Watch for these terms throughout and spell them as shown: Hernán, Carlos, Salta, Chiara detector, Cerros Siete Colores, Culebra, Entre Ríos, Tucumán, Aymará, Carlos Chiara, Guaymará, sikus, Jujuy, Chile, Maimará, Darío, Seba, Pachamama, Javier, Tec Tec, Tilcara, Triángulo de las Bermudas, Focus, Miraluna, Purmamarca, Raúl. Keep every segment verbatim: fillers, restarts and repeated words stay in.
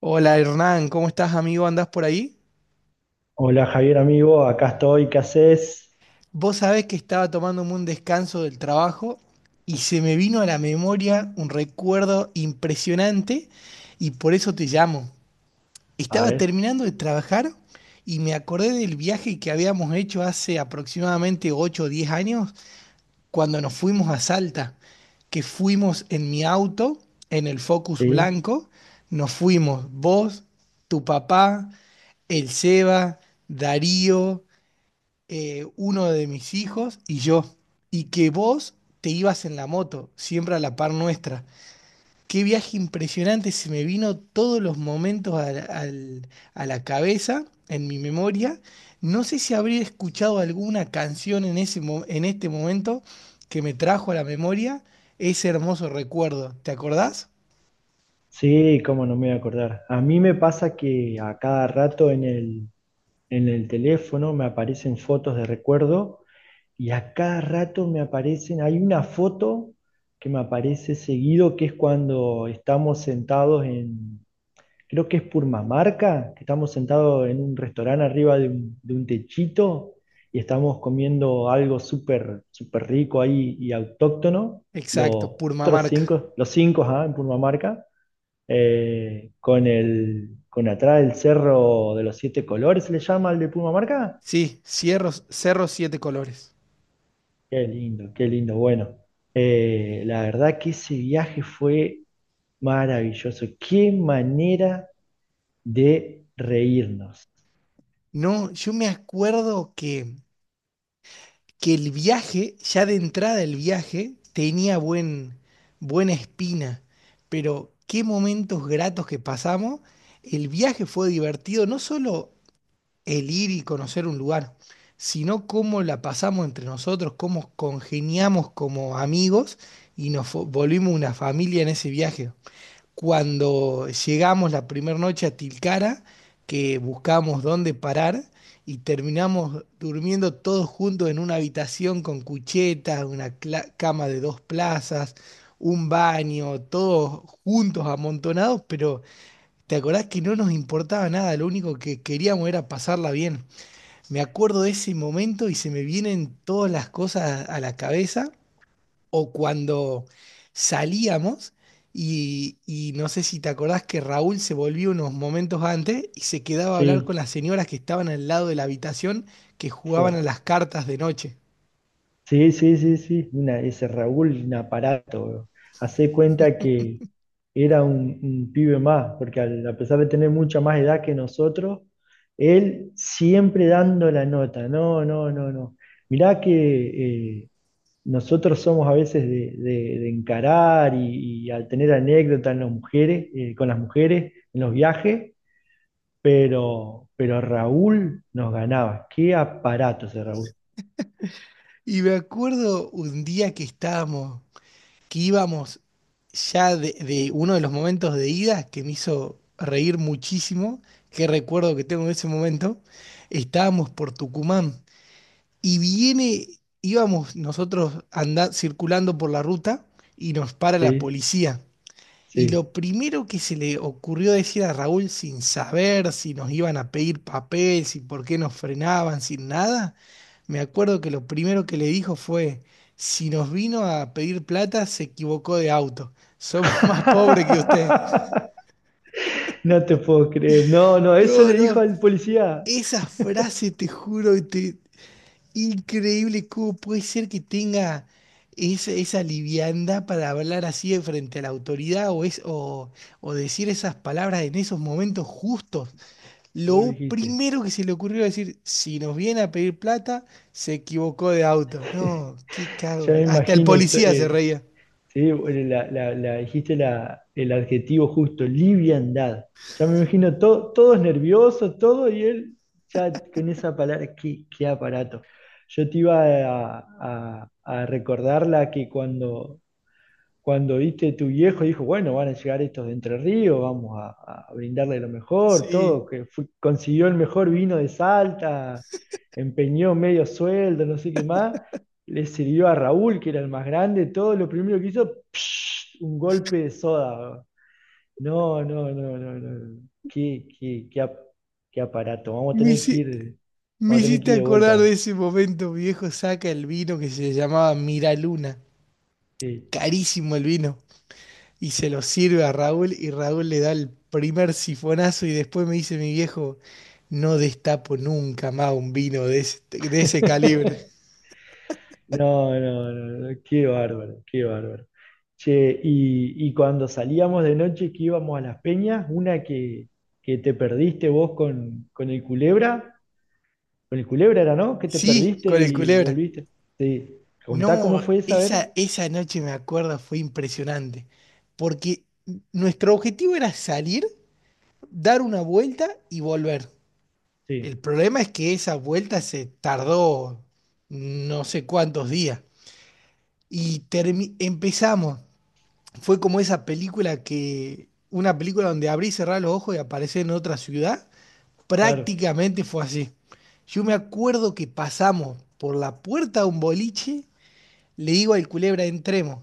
Hola Hernán, ¿cómo estás amigo? ¿Andás por ahí? Hola Javier, amigo, acá estoy, ¿qué haces? Vos sabés que estaba tomándome un descanso del trabajo y se me vino a la memoria un recuerdo impresionante y por eso te llamo. A Estaba ver, terminando de trabajar y me acordé del viaje que habíamos hecho hace aproximadamente ocho o diez años cuando nos fuimos a Salta, que fuimos en mi auto, en el Focus sí, blanco, nos fuimos vos, tu papá, el Seba, Darío. Eh, uno de mis hijos y yo, y que vos te ibas en la moto, siempre a la par nuestra. Qué viaje impresionante, se me vino todos los momentos al- al- a la cabeza, en mi memoria. No sé si habría escuchado alguna canción en ese, mo- en este momento que me trajo a la memoria ese hermoso recuerdo. ¿Te acordás? sí, cómo no me voy a acordar. A mí me pasa que a cada rato en el, en el teléfono me aparecen fotos de recuerdo, y a cada rato me aparecen, hay una foto que me aparece seguido, que es cuando estamos sentados en, creo que es Purmamarca, que estamos sentados en un restaurante arriba de un, de un techito y estamos comiendo algo súper súper rico ahí y autóctono, Exacto, los cuatro, Purmamarca. cinco, los cinco, ajá, en Purmamarca, eh, con, el, con atrás el cerro de los siete colores, ¿se le llama el de Purmamarca? Sí, Cerros, Cerros Siete Colores. Qué lindo, qué lindo, bueno. Eh, la verdad que ese viaje fue maravilloso. Qué manera de reírnos. No, yo me acuerdo que que el viaje, ya de entrada el viaje, tenía buen, buena espina, pero qué momentos gratos que pasamos. El viaje fue divertido, no solo el ir y conocer un lugar, sino cómo la pasamos entre nosotros, cómo congeniamos como amigos y nos fo- volvimos una familia en ese viaje cuando llegamos la primera noche a Tilcara, que buscamos dónde parar y terminamos durmiendo todos juntos en una habitación con cuchetas, una cla- cama de dos plazas, un baño, todos juntos amontonados, pero te acordás que no nos importaba nada, lo único que queríamos era pasarla bien. Me acuerdo de ese momento y se me vienen todas las cosas a la cabeza o cuando salíamos y, y no sé si te acordás que Raúl se volvió unos momentos antes y se quedaba a hablar con Sí, las señoras que estaban al lado de la habitación que jugaban a fue las cartas de noche. sí, sí, sí, sí, una, ese Raúl, un aparato, bro. Hacé cuenta que era un, un pibe más, porque al- a pesar de tener mucha más edad que nosotros, él siempre dando la nota. No, no, no, no. Mirá que eh, nosotros somos a veces de, de- de encarar y, y al tener anécdotas en las mujeres, eh, con las mujeres en los viajes, pero, pero Raúl nos ganaba. Qué aparato ese Raúl. Y me acuerdo un día que estábamos, que íbamos ya de, de uno de los momentos de ida que me hizo reír muchísimo, que recuerdo que tengo de ese momento, estábamos por Tucumán. Y viene, íbamos nosotros andando, circulando por la ruta y nos para la Sí, policía. Y sí. lo primero que se le ocurrió decir a Raúl sin saber si nos iban a pedir papel, si por qué nos frenaban, sin nada, me acuerdo que lo primero que le dijo fue, si nos vino a pedir plata, se equivocó de auto. Somos más pobres que usted. No te puedo creer. No, no, eso No, le dijo no. al policía. Esa frase, te juro, te, increíble cómo puede ser que tenga esa, esa liviandad para hablar así de frente a la autoridad o, es, o, o decir esas palabras en esos momentos justos. Vos lo Lo dijiste. primero que se le ocurrió decir, si nos viene a pedir plata, se equivocó de auto. No, qué Ya cago. me Hasta el imagino. to- policía se eh, reía. Sí, bueno, la, la- la- dijiste la- el adjetivo justo, liviandad. Ya me imagino to- todos nerviosos, todo, y él ya con esa palabra, qué, qué aparato. Yo te iba a, a- a recordar la que cuando Cuando viste tu viejo, dijo, bueno, van a llegar estos de Entre Ríos, vamos a, a brindarle lo mejor, Sí, todo, que fue- consiguió el mejor vino de Salta, empeñó medio sueldo, no sé qué más, le sirvió a Raúl, que era el más grande, todo, lo primero que hizo, un golpe de soda. No, no, no, no, no. No. Qué, qué, qué, ap- qué aparato. Vamos a me, tener que hici- ir, me vamos a tener que hiciste ir de acordar de vuelta. ese momento. Mi viejo saca el vino que se llamaba Miraluna. Sí. Carísimo el vino. Y se lo sirve a Raúl y Raúl le da el primer sifonazo y después me dice mi viejo, no destapo nunca más un vino de ese, de ese calibre. No, no, no, no, qué bárbaro, qué bárbaro. Che, y, y cuando salíamos de noche que íbamos a las peñas, una que, que te perdiste vos con, con el Culebra, con el Culebra era, ¿no? Que te Sí, perdiste con el y culebra. volviste. Sí, contá cómo No, fue esa, a ver. esa, esa noche me acuerdo fue impresionante, porque nuestro objetivo era salir, dar una vuelta y volver. El Sí, problema es que esa vuelta se tardó no sé cuántos días y termi- empezamos, fue como esa película que, una película donde abrí y cerré los ojos y aparecí en otra ciudad, claro, prácticamente fue así. Yo me acuerdo que pasamos por la puerta de un boliche, le digo al culebra, entremos.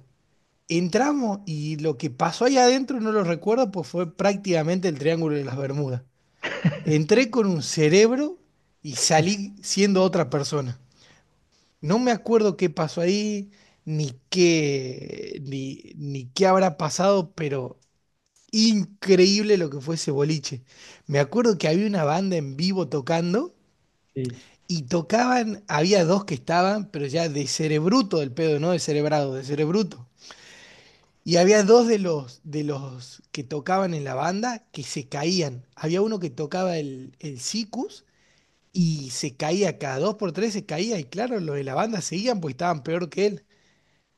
Entramos y lo que pasó ahí adentro no lo recuerdo, pues fue prácticamente el Triángulo de las Bermudas. Entré con un cerebro y salí siendo otra persona. No me acuerdo qué pasó ahí, ni qué, ni, ni qué habrá pasado, pero increíble lo que fue ese boliche. Me acuerdo que había una banda en vivo tocando sí. y tocaban, había dos que estaban, pero ya de cerebruto del pedo, no de cerebrado, de cerebruto. Y había dos de los, de los que tocaban en la banda que se caían. Había uno que tocaba el, el sikus y se caía cada dos por tres, se caía. Y claro, los de la banda seguían porque estaban peor que él.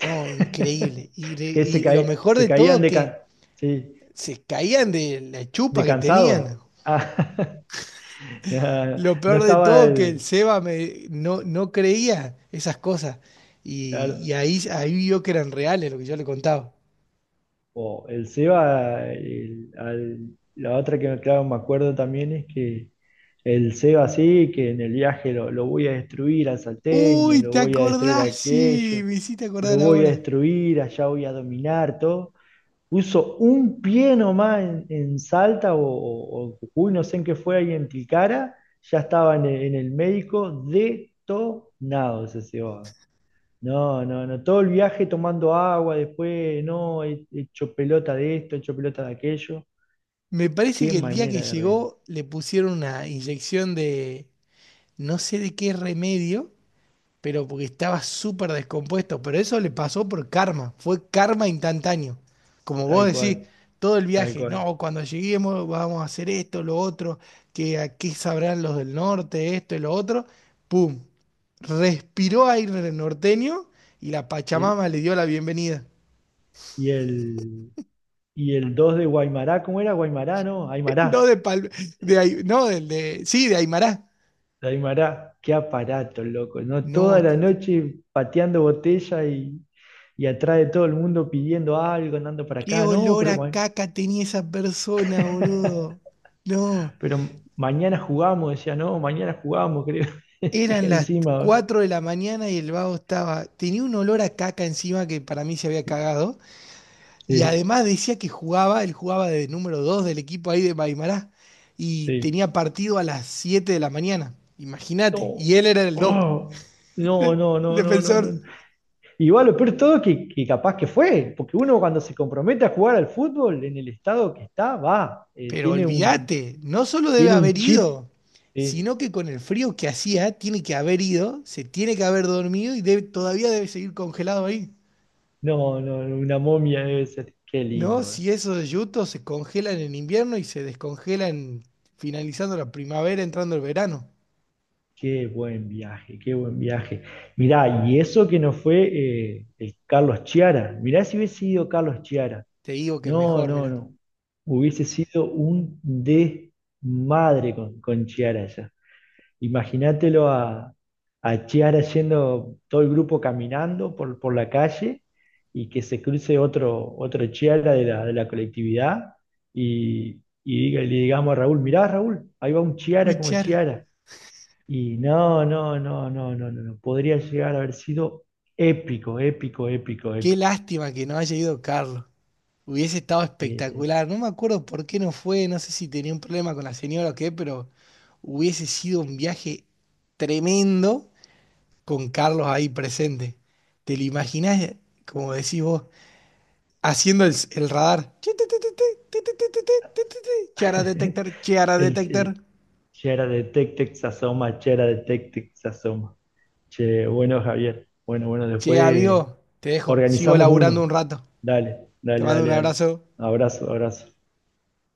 No, increíble. Y, de- Es que se, y lo caí- mejor se de caían todo de, que can- sí, se caían de la de chupa que tenían. cansado. Ah, no, Lo no peor de estaba todo que el el... Seba me, no, no creía esas cosas. Y, Claro. y ahí, ahí vio que eran reales lo que yo le contaba. O el Seba, el- al- la otra, que claro, me acuerdo también es que el Seba, sí, que en el viaje lo, lo voy a destruir al salteño, Uy, lo ¿te voy a destruir a acordás? Sí, aquello, me hiciste lo acordar voy a ahora. destruir, allá voy a dominar todo. Puso un pie nomás en, en Salta o, o- o en Jujuy, no sé en qué fue ahí en Tilcara, ya estaba en el, en el médico, detonado ese Seba. No, no, no. Todo el viaje tomando agua, después, no, he he hecho pelota de esto, he hecho pelota de aquello. Me parece Qué que el día que manera de reino. llegó le pusieron una inyección de no sé de qué remedio pero porque estaba súper descompuesto. Pero eso le pasó por karma, fue karma instantáneo. Como vos Tal decís, cual, todo el tal viaje, cual. no, cuando lleguemos vamos a hacer esto, lo otro, que aquí sabrán los del norte, esto y lo otro. ¡Pum! Respiró aire norteño y la Y, Pachamama le dio la bienvenida. y el, y el dos de Guaymará, ¿cómo era? Guaymará, ¿no? No Aymará. de Pal- de Ai- no, del de, sí, De Aymará. De Aymará. Qué aparato, loco, ¿no? No, Toda la noche pateando botella y, y atrás de todo el mundo pidiendo algo, andando para qué acá. No, olor pero, a ma- caca tenía esa persona, boludo. No. pero mañana jugamos, decía, no, mañana jugamos, creo. Y Eran las encima, ¿no? cuatro de la mañana y el vago estaba, tenía un olor a caca encima que para mí se había cagado y Sí. además decía que jugaba, él jugaba de número dos del equipo ahí de Maimará y Sí. tenía partido a las siete de la mañana, imagínate, No. y él era el dos, Oh. No, no, el no, no, no, defensor. no. Igual lo peor de todo es que, que capaz que fue, porque uno, cuando se compromete a jugar al fútbol en el estado que está, va, eh, Pero tiene un, olvídate, no solo debe tiene un haber chip, ido, ¿sí? sino que con el frío que hacía, tiene que haber ido, se tiene que haber dormido y debe- todavía debe seguir congelado ahí. No, no, no, una momia debe ser. Qué No, lindo, eh. si esos yutos se congelan en invierno y se descongelan finalizando la primavera, entrando el verano. Qué buen viaje, qué buen viaje. Mirá, y eso que no fue eh, el Carlos Chiara, mirá si hubiese sido Carlos Chiara. Te digo que No, mejor, no, mira. no. Hubiese sido un desmadre con, con Chiara ya. Imagínatelo a, a Chiara, yendo todo el grupo caminando por, por la calle, y que se cruce otro, otro Chiara de la, de la colectividad, y, y diga- le digamos a Raúl, mirá Raúl, ahí va un Uy, Chiara como Chara, Chiara. Y no, no, no, no, no, no, no. Podría llegar a haber sido épico, épico, épico, qué épico. lástima que no haya ido Carlos. Hubiese estado Sí, sí. espectacular. No me acuerdo por qué no fue, no sé si tenía un problema con la señora o qué, pero hubiese sido un viaje tremendo con Carlos ahí presente. ¿Te lo imaginás, como decís vos, haciendo el, el radar? Chiara detector, Chiara detector. El, Chera de Tec Tec se asoma, Chera de Tec Tec se asoma. Che, bueno, Javier. Bueno, bueno, Che, después amigo, te dejo. Sigo organizamos laburando un uno. rato. Dale, Te dale, mando dale, un dale. abrazo. Abrazo, abrazo.